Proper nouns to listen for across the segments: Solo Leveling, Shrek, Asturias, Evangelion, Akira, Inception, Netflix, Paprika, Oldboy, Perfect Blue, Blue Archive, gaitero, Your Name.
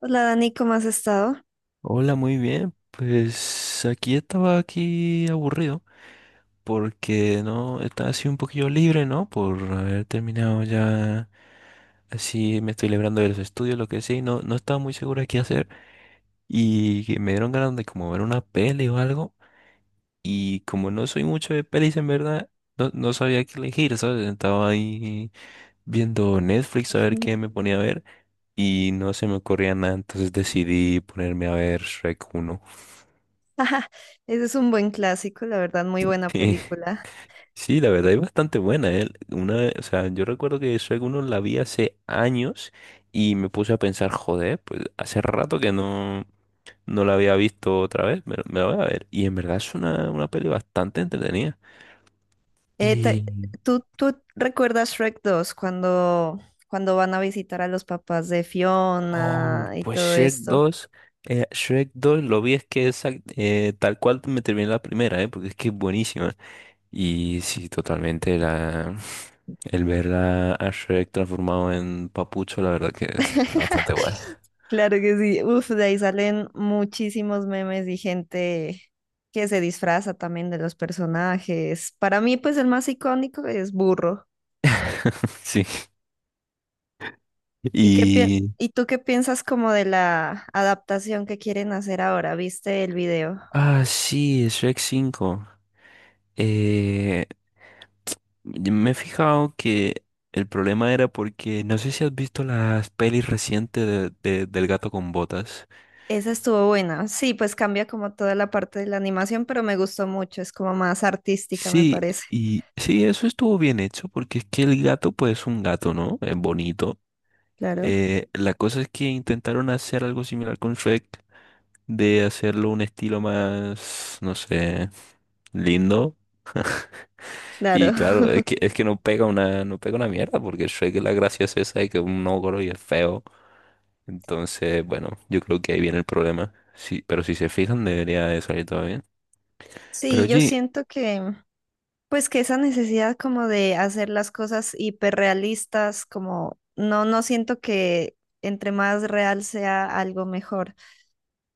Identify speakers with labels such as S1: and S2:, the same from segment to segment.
S1: Hola Dani, ¿cómo has estado?
S2: Hola, muy bien. Pues aquí estaba aquí aburrido porque no estaba así un poquillo libre, ¿no? Por haber terminado ya, así me estoy librando de los estudios, lo que sea, y no estaba muy seguro de qué hacer, y que me dieron ganas de, como, ver una peli o algo. Y como no soy mucho de pelis, en verdad, no, no sabía qué elegir, ¿sabes? Estaba ahí viendo Netflix a ver qué me ponía a ver y no se me ocurría nada, entonces decidí ponerme a ver Shrek uno.
S1: Ese es un buen clásico, la verdad, muy buena película.
S2: Sí, la verdad es bastante buena, ¿eh? O sea, yo recuerdo que Shrek uno la vi hace años y me puse a pensar, joder, pues hace rato que no la había visto otra vez, me la voy a ver. Y en verdad es una peli bastante entretenida.
S1: Eh, te-
S2: Y,
S1: ¿¿Tú recuerdas Shrek dos cuando van a visitar a los papás de
S2: oh,
S1: Fiona y
S2: pues
S1: todo
S2: Shrek
S1: esto?
S2: dos, Shrek dos lo vi, es que es tal cual me terminé la primera, ¿eh? Porque es que es buenísima. Y sí, totalmente la... El ver a Shrek transformado en papucho, la verdad que es bastante guay.
S1: Claro que sí. Uf, de ahí salen muchísimos memes y gente que se disfraza también de los personajes. Para mí, pues el más icónico es Burro.
S2: Sí.
S1: ¿Y qué pi-
S2: Y...
S1: ¿Y tú qué piensas como de la adaptación que quieren hacer ahora? ¿Viste el video?
S2: Ah, sí, Shrek cinco. Eh, y me he fijado que el problema era porque no sé si has visto las pelis recientes del gato con botas.
S1: Esa estuvo buena. Sí, pues cambia como toda la parte de la animación, pero me gustó mucho. Es como más artística, me
S2: Sí,
S1: parece.
S2: y sí, eso estuvo bien hecho porque es que el gato pues es un gato, ¿no? Es bonito.
S1: Claro,
S2: La cosa es que intentaron hacer algo similar con Shrek, de hacerlo un estilo más, no sé, lindo.
S1: claro.
S2: Y claro, es que, es que no pega una mierda, porque Shrek la gracia es esa, de que es un ogro y es feo. Entonces, bueno, yo creo que ahí viene el problema. Sí, pero si se fijan, debería de salir todo bien. Pero
S1: Sí,
S2: oye,
S1: pues que esa necesidad como de hacer las cosas hiperrealistas, como no, no siento que entre más real sea algo mejor.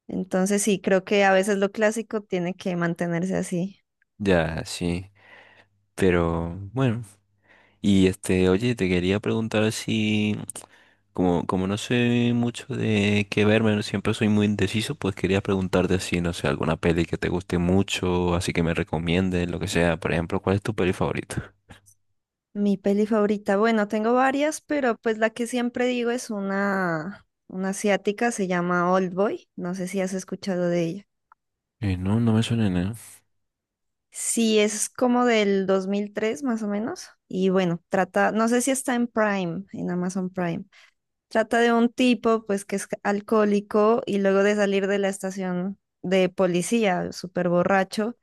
S1: Entonces sí, creo que a veces lo clásico tiene que mantenerse así.
S2: ya, sí. Pero bueno. Y este, oye, te quería preguntar si, como, como no sé mucho de qué verme, siempre soy muy indeciso, pues quería preguntarte si, no sé, alguna peli que te guste mucho, así, que me recomiendes, lo que sea. Por ejemplo, ¿cuál es tu peli favorita?
S1: Mi peli favorita, bueno, tengo varias, pero pues la que siempre digo es una asiática, se llama Oldboy, no sé si has escuchado de ella.
S2: No, no me suena nada.
S1: Sí, es como del 2003 más o menos, y bueno, trata, no sé si está en Prime, en Amazon Prime, trata de un tipo pues que es alcohólico y luego de salir de la estación de policía, súper borracho,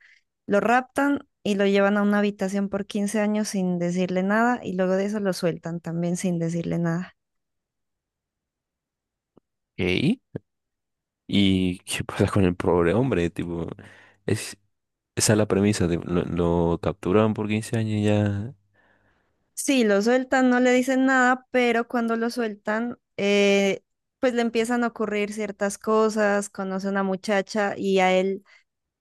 S1: lo raptan y lo llevan a una habitación por 15 años sin decirle nada y luego de eso lo sueltan también sin decirle nada.
S2: ¿Qué? ¿Y qué pasa con el pobre hombre? Tipo, es, esa es la premisa, tipo, lo capturaron por 15 años y ya.
S1: Sí, lo sueltan, no le dicen nada, pero cuando lo sueltan, pues le empiezan a ocurrir ciertas cosas, conoce a una muchacha y a él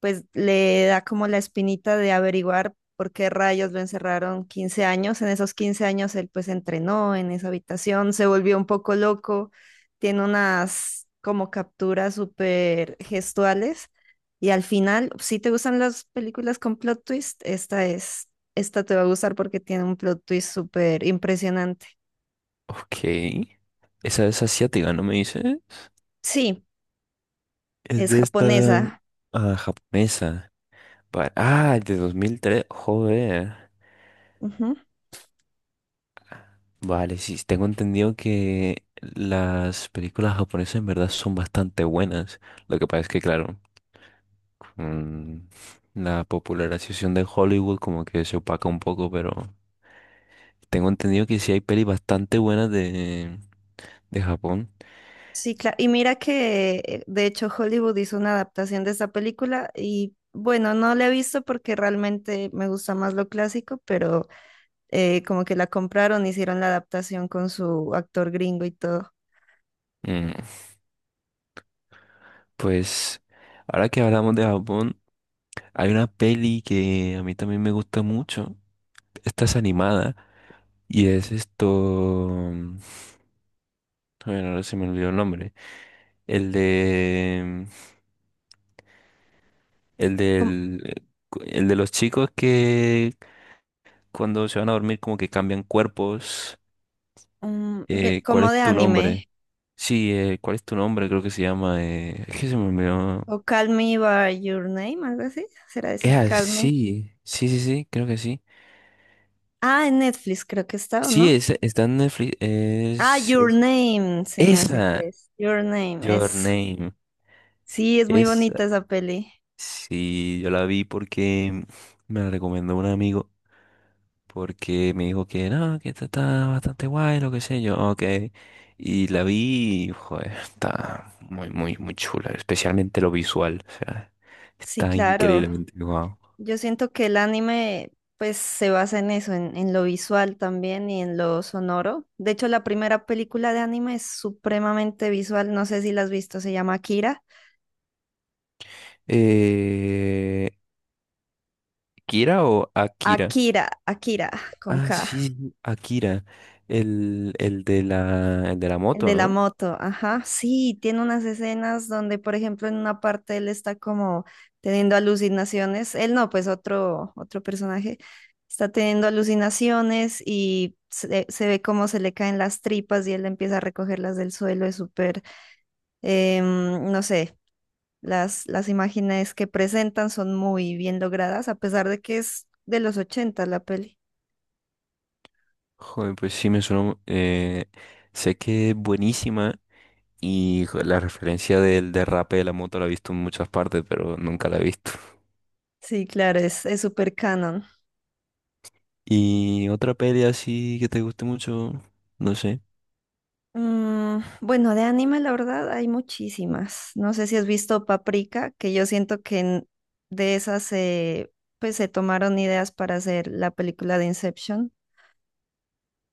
S1: pues le da como la espinita de averiguar por qué rayos lo encerraron 15 años. En esos 15 años él pues entrenó en esa habitación, se volvió un poco loco, tiene unas como capturas súper gestuales y al final, si te gustan las películas con plot twist, esta te va a gustar porque tiene un plot twist súper impresionante.
S2: Ok. Esa es asiática, ¿no me dices?
S1: Sí,
S2: Es
S1: es
S2: de esta,
S1: japonesa.
S2: ah, japonesa. Ah, de 2003. Joder. Vale, sí, tengo entendido que las películas japonesas en verdad son bastante buenas. Lo que pasa es que, claro, mm, la popularización de Hollywood como que se opaca un poco, pero... Tengo entendido que sí hay pelis bastante buenas de, Japón.
S1: Sí, claro. Y mira que de hecho Hollywood hizo una adaptación de esa película y bueno, no la he visto porque realmente me gusta más lo clásico, pero como que la compraron, hicieron la adaptación con su actor gringo y todo.
S2: Mm, pues ahora que hablamos de Japón, hay una peli que a mí también me gusta mucho. Esta es animada y es esto... mm, Bueno, ahora se me olvidó el nombre. El de... El
S1: Com-
S2: del... El de los chicos que cuando se van a dormir como que cambian cuerpos. ¿Cuál
S1: Como,
S2: es
S1: de
S2: tu
S1: anime.
S2: nombre? Sí, ¿cuál es tu nombre? Creo que se llama... Es que se me olvidó.
S1: O Call Me by Your Name, algo así. ¿Será
S2: Es
S1: esa? Calme.
S2: así. Sí, sí, sí, sí, creo que sí.
S1: Ah, en Netflix creo que está, ¿o
S2: Sí,
S1: no?
S2: es, está en Netflix.
S1: Ah, Your
S2: Es-
S1: Name, se me hace que
S2: esa,
S1: es. Your Name,
S2: Your
S1: es.
S2: Name.
S1: Sí, es muy
S2: Esa.
S1: bonita esa peli.
S2: Sí, yo la vi porque me la recomendó un amigo. Porque me dijo que no, que esta está bastante guay, lo que sé yo. Ok. Y la vi y, joder, está muy, muy, muy chula. Especialmente lo visual. O sea,
S1: Sí,
S2: está
S1: claro.
S2: increíblemente guau.
S1: Yo siento que el anime pues se basa en eso, en lo visual también y en lo sonoro. De hecho, la primera película de anime es supremamente visual, no sé si la has visto, se llama Akira.
S2: Eh, ¿Kira o Akira?
S1: Akira, con K,
S2: Ah, sí, sí, Akira, el de la
S1: el
S2: moto,
S1: de la
S2: ¿no?
S1: moto, ajá. Sí, tiene unas escenas donde, por ejemplo, en una parte él está como teniendo alucinaciones, él no, pues otro personaje está teniendo alucinaciones y se ve cómo se le caen las tripas y él empieza a recogerlas del suelo, es súper em, no sé, las imágenes que presentan son muy bien logradas, a pesar de que es de los 80 la peli.
S2: Joder, pues sí me suena. Sé que es buenísima y jo- la referencia del derrape de la moto la he visto en muchas partes, pero nunca la he visto.
S1: Sí, claro, es súper canon.
S2: Y otra peli así que te guste mucho, no sé,
S1: Mm, bueno, de anime, la verdad, hay muchísimas. No sé si has visto Paprika, que yo siento que de esas se, pues, se tomaron ideas para hacer la película de Inception,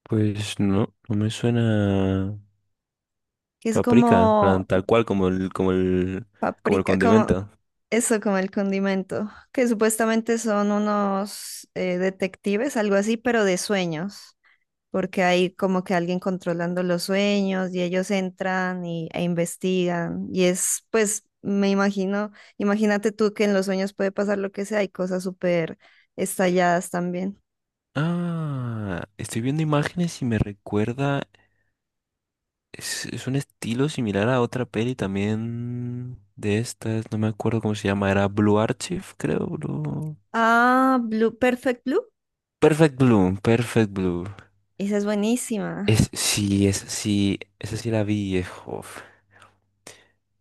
S2: pues no, no me suena
S1: que es
S2: Paprika, en
S1: como
S2: plan, tal cual, como el
S1: Paprika, como
S2: condimento.
S1: eso, como el condimento, que supuestamente son unos detectives, algo así, pero de sueños, porque hay como que alguien controlando los sueños y ellos entran e investigan. Y es, pues, me imagino, imagínate tú que en los sueños puede pasar lo que sea, hay cosas súper estalladas también.
S2: Ah, estoy viendo imágenes y me recuerda... Es un estilo similar a otra peli también de estas, no me acuerdo cómo se llama, era Blue Archive, creo, Blue.
S1: Ah, Blue, Perfect Blue,
S2: Perfect Blue, Perfect Blue.
S1: esa es
S2: Es,
S1: buenísima.
S2: sí, es, sí, esa sí la vi, jof.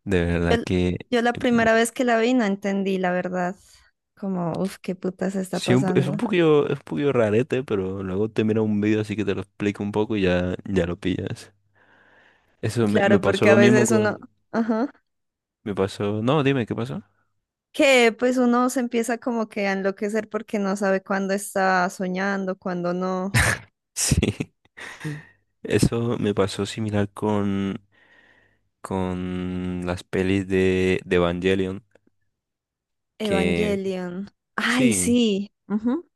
S2: De
S1: Yo,
S2: verdad
S1: l-
S2: que
S1: yo la
S2: eh, peli-
S1: primera vez que la vi no entendí, la verdad, como, uff, qué puta se está
S2: sí, es un
S1: pasando.
S2: poquillo, es un poquillo rarete, pero luego te mira un video así que te lo explico un poco y ya lo pillas. Eso me,
S1: Claro,
S2: me pasó
S1: porque a
S2: lo mismo
S1: veces uno,
S2: con,
S1: ajá,
S2: no, dime, ¿qué pasó?
S1: que pues uno se empieza como que a enloquecer porque no sabe cuándo está soñando, cuándo no.
S2: Sí, eso me pasó similar con las pelis de Evangelion, que
S1: Evangelion. Ay,
S2: sí,
S1: sí. Ujú.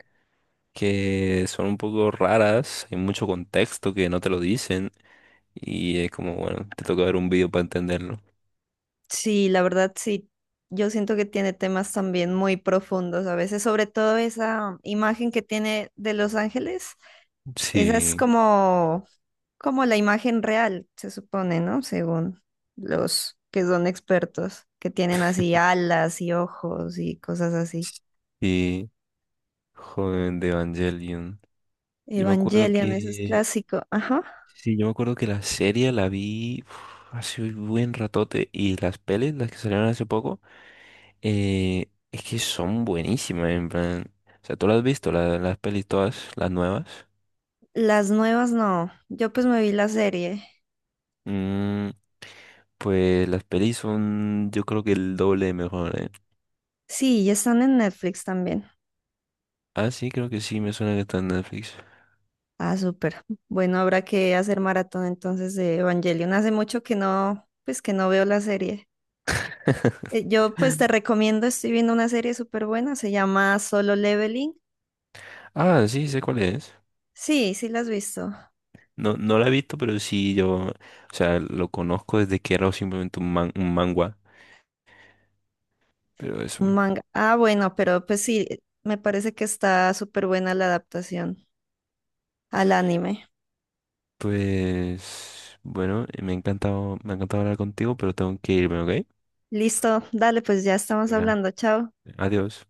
S2: que son un poco raras, hay mucho contexto que no te lo dicen y es como, bueno, te toca ver un video para entenderlo.
S1: Sí, la verdad sí. Yo siento que tiene temas también muy profundos a veces, sobre todo esa imagen que tiene de Los Ángeles. Esa es
S2: Sí,
S1: como, como la imagen real, se supone, ¿no? Según los que son expertos, que tienen así alas y ojos y cosas así.
S2: sí, joven de Evangelion. Yo me acuerdo
S1: Evangelion, ese es
S2: que,
S1: clásico. Ajá.
S2: sí, yo me acuerdo que la serie la vi, uf, hace un buen ratote, y las pelis, las que salieron hace poco. Es que son buenísimas, en plan. O sea, tú las has visto, las pelis todas, las nuevas.
S1: Las nuevas no. Yo pues me vi la serie.
S2: Mm, pues las pelis son, yo creo que, el doble de mejor, ¿eh?
S1: Sí, y están en Netflix también.
S2: Ah, sí, creo que sí, me suena que está en Netflix.
S1: Ah, súper. Bueno, habrá que hacer maratón entonces de Evangelion. Hace mucho que no, pues que no veo la serie. Yo pues te recomiendo, estoy viendo una serie súper buena, se llama Solo Leveling.
S2: Ah, sí, sé cuál es.
S1: Sí, sí la has visto.
S2: No, no la he visto, pero sí, yo, o sea, lo conozco desde que era simplemente un un manga. Pero eso.
S1: Un manga. Ah, bueno, pero pues sí, me parece que está súper buena la adaptación al anime.
S2: Pues, bueno, me ha encantado hablar contigo, pero tengo que irme, ¿ok?
S1: Listo, dale, pues ya estamos
S2: Venga,
S1: hablando. Chao.
S2: adiós.